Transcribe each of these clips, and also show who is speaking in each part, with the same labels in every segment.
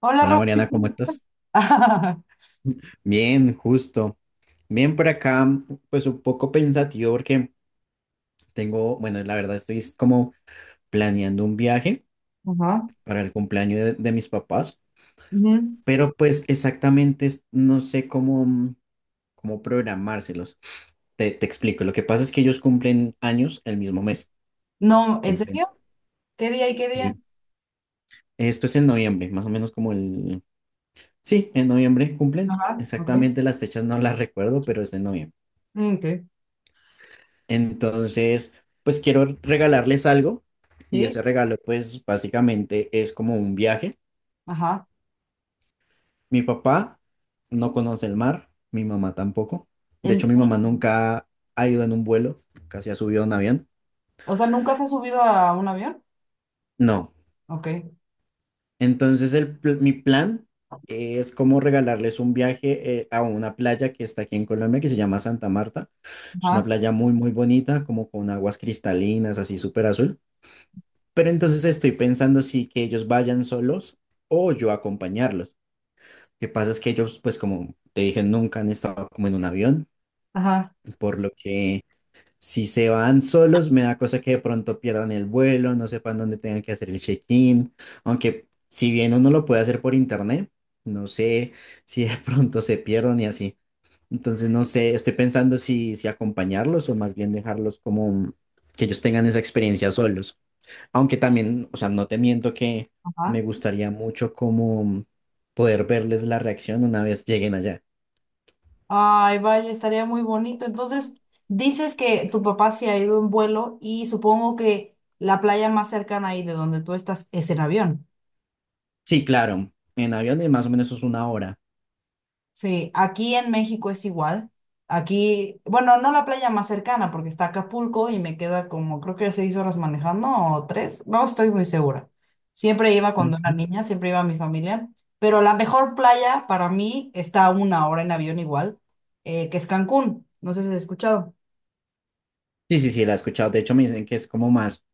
Speaker 1: Hola,
Speaker 2: Hola
Speaker 1: Rubén.
Speaker 2: Mariana, ¿cómo estás?
Speaker 1: Ajá.
Speaker 2: Bien, justo. Bien por acá, pues un poco pensativo porque tengo, bueno, la verdad estoy es como planeando un viaje para el cumpleaños de mis papás,
Speaker 1: Ujú.
Speaker 2: pero pues exactamente no sé cómo, cómo programárselos. Te explico, lo que pasa es que ellos cumplen años el mismo mes.
Speaker 1: No, ¿en
Speaker 2: Cumplen.
Speaker 1: serio? ¿Qué día y qué día?
Speaker 2: Y esto es en noviembre, más o menos como el... Sí, en noviembre cumplen.
Speaker 1: Ajá, ok.
Speaker 2: Exactamente las fechas no las recuerdo, pero es en noviembre.
Speaker 1: Mm, ok.
Speaker 2: Entonces, pues quiero regalarles algo y
Speaker 1: Sí,
Speaker 2: ese regalo, pues básicamente es como un viaje.
Speaker 1: ajá.
Speaker 2: Mi papá no conoce el mar, mi mamá tampoco. De
Speaker 1: ¿En
Speaker 2: hecho, mi
Speaker 1: serio?
Speaker 2: mamá nunca ha ido en un vuelo, casi ha subido a un avión.
Speaker 1: O sea, ¿nunca se ha subido a un avión?
Speaker 2: No.
Speaker 1: Ok.
Speaker 2: Entonces, mi plan es como regalarles un viaje a una playa que está aquí en Colombia, que se llama Santa Marta. Es una
Speaker 1: Ajá,
Speaker 2: playa muy, muy bonita, como con aguas cristalinas, así súper azul. Pero entonces estoy pensando si que ellos vayan solos o yo acompañarlos. Lo que pasa es que ellos, pues como te dije, nunca han estado como en un avión,
Speaker 1: ajá,
Speaker 2: por lo que si se van solos me da cosa que de pronto pierdan el vuelo, no sepan dónde tengan que hacer el check-in, aunque si bien uno lo puede hacer por internet, no sé si de pronto se pierdan y así. Entonces no sé, estoy pensando si acompañarlos o más bien dejarlos como que ellos tengan esa experiencia solos. Aunque también, o sea, no te miento que
Speaker 1: ajá.
Speaker 2: me gustaría mucho como poder verles la reacción una vez lleguen allá.
Speaker 1: Ay, vaya, estaría muy bonito. Entonces, dices que tu papá se ha ido en vuelo y supongo que la playa más cercana ahí de donde tú estás es en avión.
Speaker 2: Sí, claro, en avión es más o menos es una hora.
Speaker 1: Sí, aquí en México es igual. Aquí, bueno, no la playa más cercana porque está Acapulco y me queda como creo que 6 horas manejando o tres, no estoy muy segura. Siempre iba cuando era
Speaker 2: Ok.
Speaker 1: niña, siempre iba mi familia, pero la mejor playa para mí está a una hora en avión igual, que es Cancún. No sé si has escuchado.
Speaker 2: Sí, sí, sí, la he escuchado. De hecho, me dicen que es como más,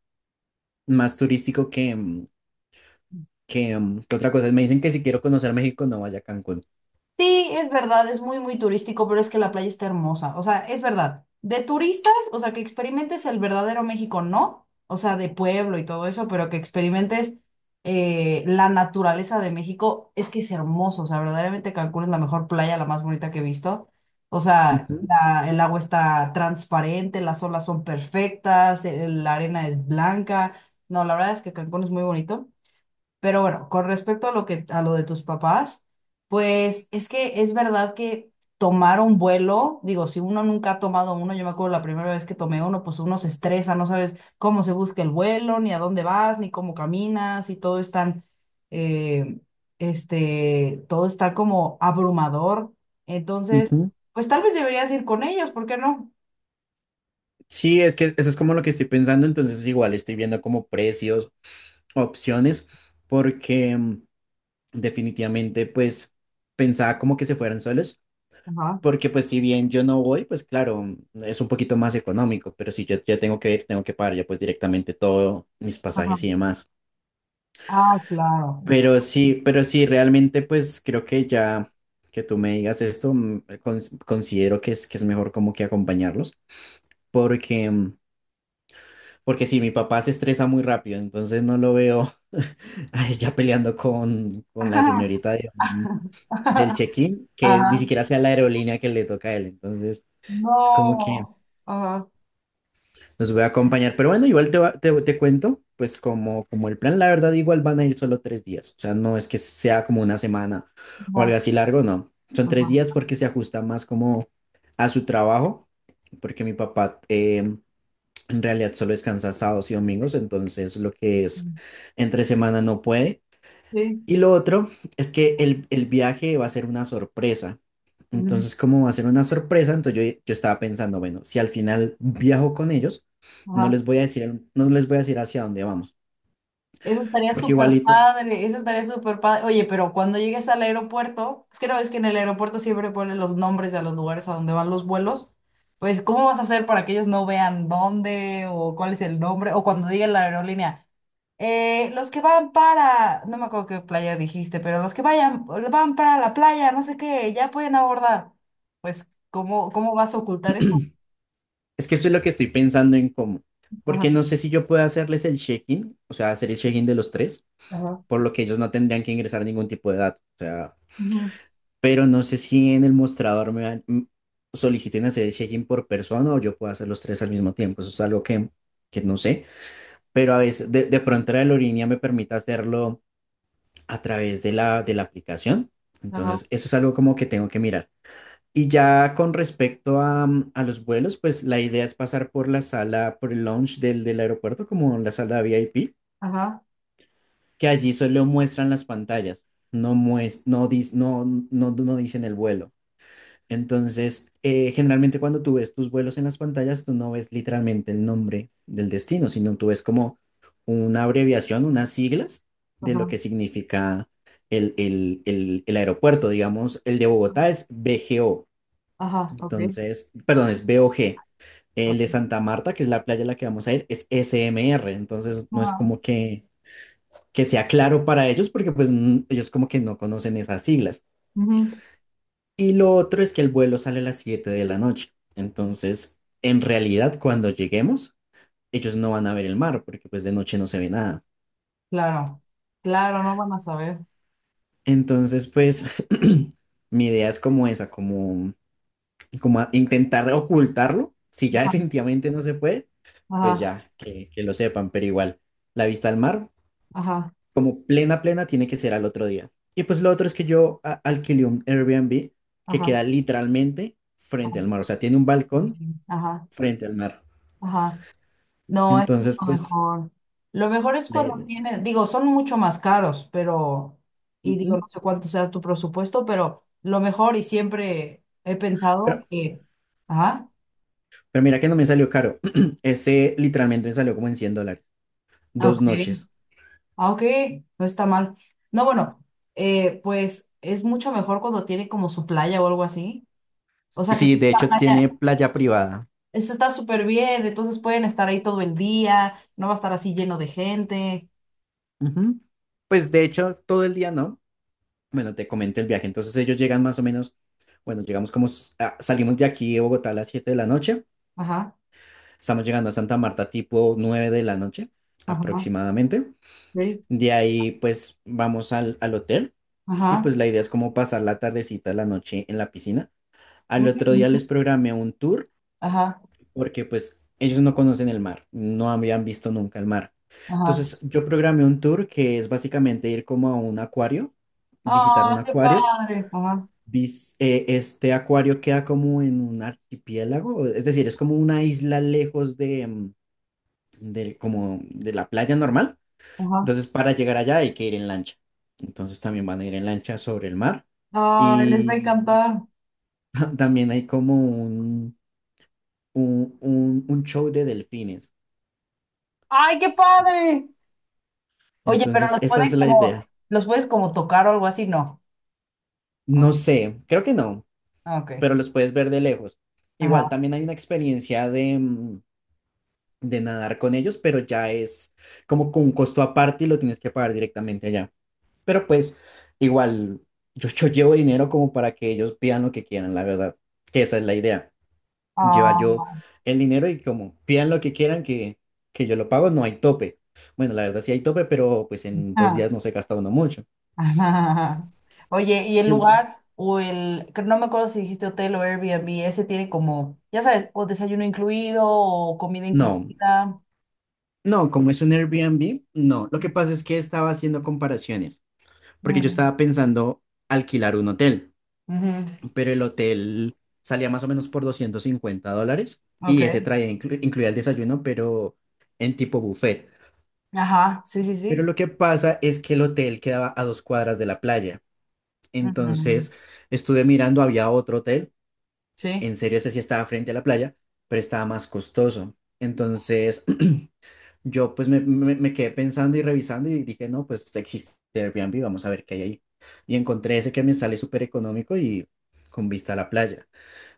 Speaker 2: más turístico que otra cosa. Me dicen que si quiero conocer México, no vaya a Cancún.
Speaker 1: Sí, es verdad, es muy, muy turístico, pero es que la playa está hermosa. O sea, es verdad. De turistas, o sea, que experimentes el verdadero México, no. O sea, de pueblo y todo eso, pero que experimentes la naturaleza de México, es que es hermoso. O sea, verdaderamente Cancún es la mejor playa, la más bonita que he visto. O sea,
Speaker 2: Ujú,
Speaker 1: el agua está transparente, las olas son perfectas, la arena es blanca. No, la verdad es que Cancún es muy bonito. Pero bueno, con respecto a lo que, a lo de tus papás, pues es que es verdad que tomar un vuelo, digo, si uno nunca ha tomado uno, yo me acuerdo la primera vez que tomé uno, pues uno se estresa, no sabes cómo se busca el vuelo, ni a dónde vas, ni cómo caminas, y todo es tan, eh, este, todo está como abrumador. Entonces,
Speaker 2: ujú.
Speaker 1: pues tal vez deberías ir con ellos, ¿por qué no?
Speaker 2: Sí, es que eso es como lo que estoy pensando. Entonces, igual estoy viendo como precios, opciones, porque definitivamente, pues, pensaba como que se fueran solos.
Speaker 1: Ajá,
Speaker 2: Porque pues si bien yo no voy, pues claro, es un poquito más económico, pero si yo ya tengo que ir, tengo que pagar ya pues directamente todos mis
Speaker 1: ajá.
Speaker 2: pasajes y demás.
Speaker 1: Ah, claro.
Speaker 2: Pero sí, realmente pues creo que ya que tú me digas esto, considero que es mejor como que acompañarlos, porque, porque si mi papá se estresa muy rápido, entonces no lo veo ay, ya peleando con, con la
Speaker 1: Ajá.
Speaker 2: señorita del check-in, que ni
Speaker 1: Ajá.
Speaker 2: siquiera sea la aerolínea que le toca a él, entonces es como que...
Speaker 1: No. Ajá.
Speaker 2: Los voy a acompañar, pero bueno, igual te cuento, pues como el plan, la verdad, igual van a ir solo 3 días, o sea, no es que sea como una semana o algo
Speaker 1: Ajá.
Speaker 2: así largo, no, son 3 días
Speaker 1: Ajá.
Speaker 2: porque se ajusta más como a su trabajo, porque mi papá en realidad solo descansa sábados y domingos, entonces lo que es entre semana no puede,
Speaker 1: Sí.
Speaker 2: y lo otro es que el viaje va a ser una sorpresa.
Speaker 1: Ujú.
Speaker 2: Entonces, como va a ser una sorpresa, entonces yo estaba pensando, bueno, si al final viajo con ellos, no
Speaker 1: Ajá.
Speaker 2: les voy a decir, no les voy a decir hacia dónde vamos,
Speaker 1: Eso estaría
Speaker 2: porque
Speaker 1: súper
Speaker 2: igualito,
Speaker 1: padre, eso estaría súper padre. Oye, pero cuando llegues al aeropuerto, pues creo es que en el aeropuerto siempre ponen los nombres de los lugares a donde van los vuelos. Pues, ¿cómo vas a hacer para que ellos no vean dónde o cuál es el nombre? O cuando diga la aerolínea, los que van para, no me acuerdo qué playa dijiste, pero los que vayan, van para la playa, no sé qué, ya pueden abordar. Pues, ¿cómo, cómo vas a ocultar eso?
Speaker 2: es que eso es lo que estoy pensando en cómo,
Speaker 1: Ajá,
Speaker 2: porque no sé si yo puedo hacerles el check-in, o sea, hacer el check-in de los tres,
Speaker 1: ajá,
Speaker 2: por lo que ellos no tendrían que ingresar ningún tipo de dato, o sea,
Speaker 1: ujú,
Speaker 2: pero no sé si en el mostrador soliciten hacer el check-in por persona o yo puedo hacer los tres al mismo tiempo, eso es algo que no sé. Pero a veces de pronto la aerolínea me permite hacerlo a través de la aplicación.
Speaker 1: ajá,
Speaker 2: Entonces, eso es algo como que tengo que mirar. Y ya con respecto a, a los vuelos, pues la idea es pasar por la sala, por el lounge del aeropuerto, como la sala VIP,
Speaker 1: ajá,
Speaker 2: que allí solo muestran las pantallas, no, muest no, dis- no, no, no dicen el vuelo. Entonces, generalmente cuando tú ves tus vuelos en las pantallas, tú no ves literalmente el nombre del destino, sino tú ves como una abreviación, unas siglas de lo que
Speaker 1: ajá.
Speaker 2: significa el aeropuerto. Digamos, el de Bogotá es BGO,
Speaker 1: Ajá, ok.
Speaker 2: entonces, perdón, es BOG. El
Speaker 1: Ajá,
Speaker 2: de Santa Marta, que es la playa a la que vamos a ir, es SMR, entonces no es
Speaker 1: ajá.
Speaker 2: como que sea claro para ellos porque pues ellos como que no conocen esas siglas.
Speaker 1: Ujú.
Speaker 2: Y lo otro es que el vuelo sale a las 7 de la noche. Entonces, en realidad, cuando lleguemos, ellos no van a ver el mar, porque pues de noche no se ve nada.
Speaker 1: Claro, claro, no van a saber.
Speaker 2: Entonces, pues, mi idea es como esa, intentar ocultarlo. Si ya definitivamente no se puede, pues
Speaker 1: Ajá,
Speaker 2: ya, que lo sepan, pero igual, la vista al mar,
Speaker 1: ajá,
Speaker 2: como plena, plena, tiene que ser al otro día. Y pues lo otro es que yo alquilé un Airbnb que
Speaker 1: ajá,
Speaker 2: queda literalmente frente
Speaker 1: ajá,
Speaker 2: al mar, o sea, tiene un balcón
Speaker 1: ajá.
Speaker 2: frente al mar.
Speaker 1: Ajá. No, esto es
Speaker 2: Entonces,
Speaker 1: lo
Speaker 2: pues,
Speaker 1: mejor. Lo mejor es
Speaker 2: la
Speaker 1: cuando
Speaker 2: idea-
Speaker 1: tiene, digo, son mucho más caros, pero, y digo, no
Speaker 2: ujú.
Speaker 1: sé cuánto sea tu presupuesto, pero lo mejor y siempre he pensado
Speaker 2: Pero,
Speaker 1: que, ajá,
Speaker 2: pero mira que no me salió caro. Ese literalmente me salió como en $100.
Speaker 1: ah,
Speaker 2: Dos
Speaker 1: ok,
Speaker 2: noches.
Speaker 1: ah, ok. No está mal. No, bueno, pues es mucho mejor cuando tiene como su playa o algo así. O
Speaker 2: Y
Speaker 1: sea, que
Speaker 2: sí, de hecho tiene playa privada.
Speaker 1: eso está súper bien, entonces pueden estar ahí todo el día, no va a estar así lleno de gente.
Speaker 2: Ujú. Pues de hecho, todo el día no. Bueno, te comento el viaje. Entonces ellos llegan más o menos, bueno, llegamos como, salimos de aquí de Bogotá a las 7 de la noche.
Speaker 1: Ajá,
Speaker 2: Estamos llegando a Santa Marta tipo 9 de la noche
Speaker 1: ajá,
Speaker 2: aproximadamente.
Speaker 1: sí,
Speaker 2: De ahí pues vamos al hotel y
Speaker 1: ajá,
Speaker 2: pues la idea es como pasar la tardecita, la noche en la piscina. Al otro día
Speaker 1: ujú,
Speaker 2: les programé un tour
Speaker 1: ajá,
Speaker 2: porque pues ellos no conocen el mar, no habían visto nunca el mar.
Speaker 1: ajá.
Speaker 2: Entonces yo programé un tour que es básicamente ir como a un acuario, visitar un
Speaker 1: ¡Ah, qué
Speaker 2: acuario.
Speaker 1: padre! Ajá,
Speaker 2: Este acuario queda como en un archipiélago, es decir, es como una isla lejos de, como de la playa normal.
Speaker 1: ajá.
Speaker 2: Entonces para llegar allá hay que ir en lancha. Entonces también van a ir en lancha sobre el mar.
Speaker 1: ¡Ay, les va a
Speaker 2: Y
Speaker 1: encantar!
Speaker 2: también hay como un show de delfines.
Speaker 1: ¡Ay, qué padre! Oye, pero
Speaker 2: Entonces,
Speaker 1: los
Speaker 2: esa es
Speaker 1: pueden
Speaker 2: la
Speaker 1: como,
Speaker 2: idea.
Speaker 1: los puedes como tocar o algo así, no. Ok,
Speaker 2: No sé, creo que no,
Speaker 1: ah, ok,
Speaker 2: pero los puedes ver de lejos. Igual,
Speaker 1: ajá.
Speaker 2: también hay una experiencia de, de nadar con ellos, pero ya es como con un costo aparte y lo tienes que pagar directamente allá. Pero pues, igual, yo llevo dinero como para que ellos pidan lo que quieran, la verdad, que esa es la idea. Lleva yo el dinero y como pidan lo que quieran que yo lo pago, no hay tope. Bueno, la verdad sí hay tope, pero pues en dos
Speaker 1: Ah,
Speaker 2: días no se gasta uno mucho.
Speaker 1: ajá. Oye, ¿y el
Speaker 2: en-
Speaker 1: lugar o el, que no me acuerdo si dijiste hotel o Airbnb, ese tiene como, ya sabes, o desayuno incluido o comida
Speaker 2: No,
Speaker 1: incluida?
Speaker 2: no, como es un Airbnb, no. Lo que pasa es que estaba haciendo comparaciones, porque yo
Speaker 1: Mm,
Speaker 2: estaba pensando alquilar un hotel,
Speaker 1: ujú.
Speaker 2: pero el hotel salía más o menos por $250 y
Speaker 1: Ok.
Speaker 2: ese traía, incluía el desayuno, pero en tipo buffet.
Speaker 1: Ajá, sí, sí,
Speaker 2: Pero
Speaker 1: sí.
Speaker 2: lo que pasa es que el hotel quedaba a 2 cuadras de la playa.
Speaker 1: Ujú.
Speaker 2: Entonces estuve mirando, había otro hotel,
Speaker 1: Sí,
Speaker 2: en serio ese sí estaba frente a la playa, pero estaba más costoso. Entonces yo pues me quedé pensando y revisando y dije, no, pues existe Airbnb, vamos a ver qué hay ahí. Y encontré ese que me sale súper económico y con vista a la playa.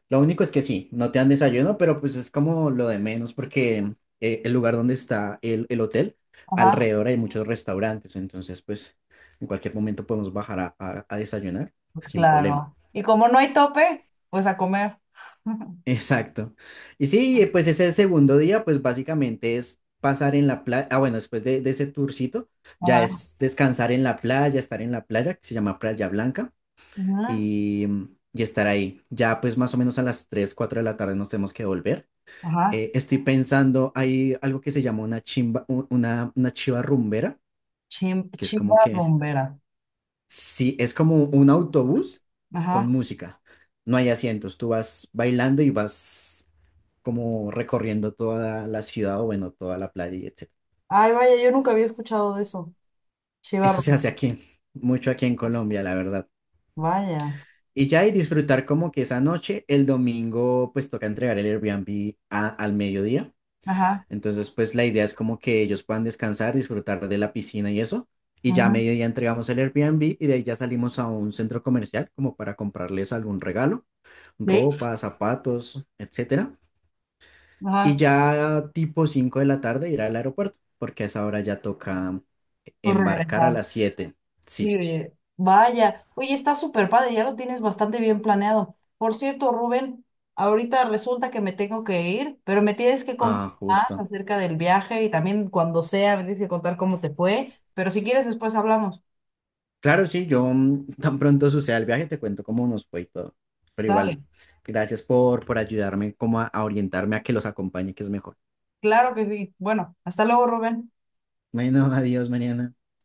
Speaker 2: Lo único es que sí, no te dan desayuno, pero pues es como lo de menos porque el lugar donde está el hotel,
Speaker 1: ajá,
Speaker 2: alrededor hay muchos restaurantes, entonces pues en cualquier momento podemos bajar a desayunar
Speaker 1: pues
Speaker 2: sin problema.
Speaker 1: claro. Y como no hay tope, pues a comer.
Speaker 2: Exacto. Y sí, pues ese segundo día, pues básicamente es pasar en la playa, ah, bueno, después de ese tourcito, ya
Speaker 1: Ajá,
Speaker 2: es descansar en la playa, estar en la playa, que se llama Playa Blanca,
Speaker 1: ujú,
Speaker 2: y, y estar ahí. Ya pues más o menos a las 3 4 de la tarde nos tenemos que volver.
Speaker 1: ajá.
Speaker 2: Estoy pensando, hay algo que se llama una chimba, una chiva rumbera,
Speaker 1: Chim-
Speaker 2: que es como
Speaker 1: chiva
Speaker 2: que,
Speaker 1: rumbera.
Speaker 2: sí, es como un autobús con
Speaker 1: Ajá.
Speaker 2: música. No hay asientos, tú vas bailando y vas como recorriendo toda la ciudad o bueno, toda la playa y etcétera.
Speaker 1: Ay, vaya, yo nunca había escuchado de eso. Chiva
Speaker 2: Eso se
Speaker 1: rumbera.
Speaker 2: hace aquí, mucho aquí en Colombia, la verdad.
Speaker 1: Vaya.
Speaker 2: Y ya y disfrutar como que esa noche, el domingo, pues toca entregar el Airbnb al mediodía.
Speaker 1: Ajá.
Speaker 2: Entonces, pues la idea es como que ellos puedan descansar, disfrutar de la piscina y eso. Y ya a
Speaker 1: Ujú.
Speaker 2: mediodía entregamos el Airbnb y de ahí ya salimos a un centro comercial como para comprarles algún regalo,
Speaker 1: Sí.
Speaker 2: ropa, zapatos, etcétera. Y
Speaker 1: Ajá,
Speaker 2: ya tipo 5 de la tarde ir al aeropuerto, porque a esa hora ya toca
Speaker 1: pues
Speaker 2: embarcar a
Speaker 1: regresar.
Speaker 2: las 7.
Speaker 1: Sí,
Speaker 2: Sí.
Speaker 1: oye, vaya. Oye, está súper padre, ya lo tienes bastante bien planeado. Por cierto, Rubén, ahorita resulta que me tengo que ir, pero me tienes que contar
Speaker 2: Ah, justo.
Speaker 1: acerca del viaje y también cuando sea, me tienes que contar cómo te fue. Pero si quieres, después hablamos.
Speaker 2: Claro, sí, yo tan pronto suceda el viaje te cuento cómo nos fue y todo. Pero igual,
Speaker 1: Sale.
Speaker 2: gracias por ayudarme como a orientarme a que los acompañe, que es mejor.
Speaker 1: Claro que sí. Bueno, hasta luego, Rubén.
Speaker 2: Bueno, adiós, Mariana.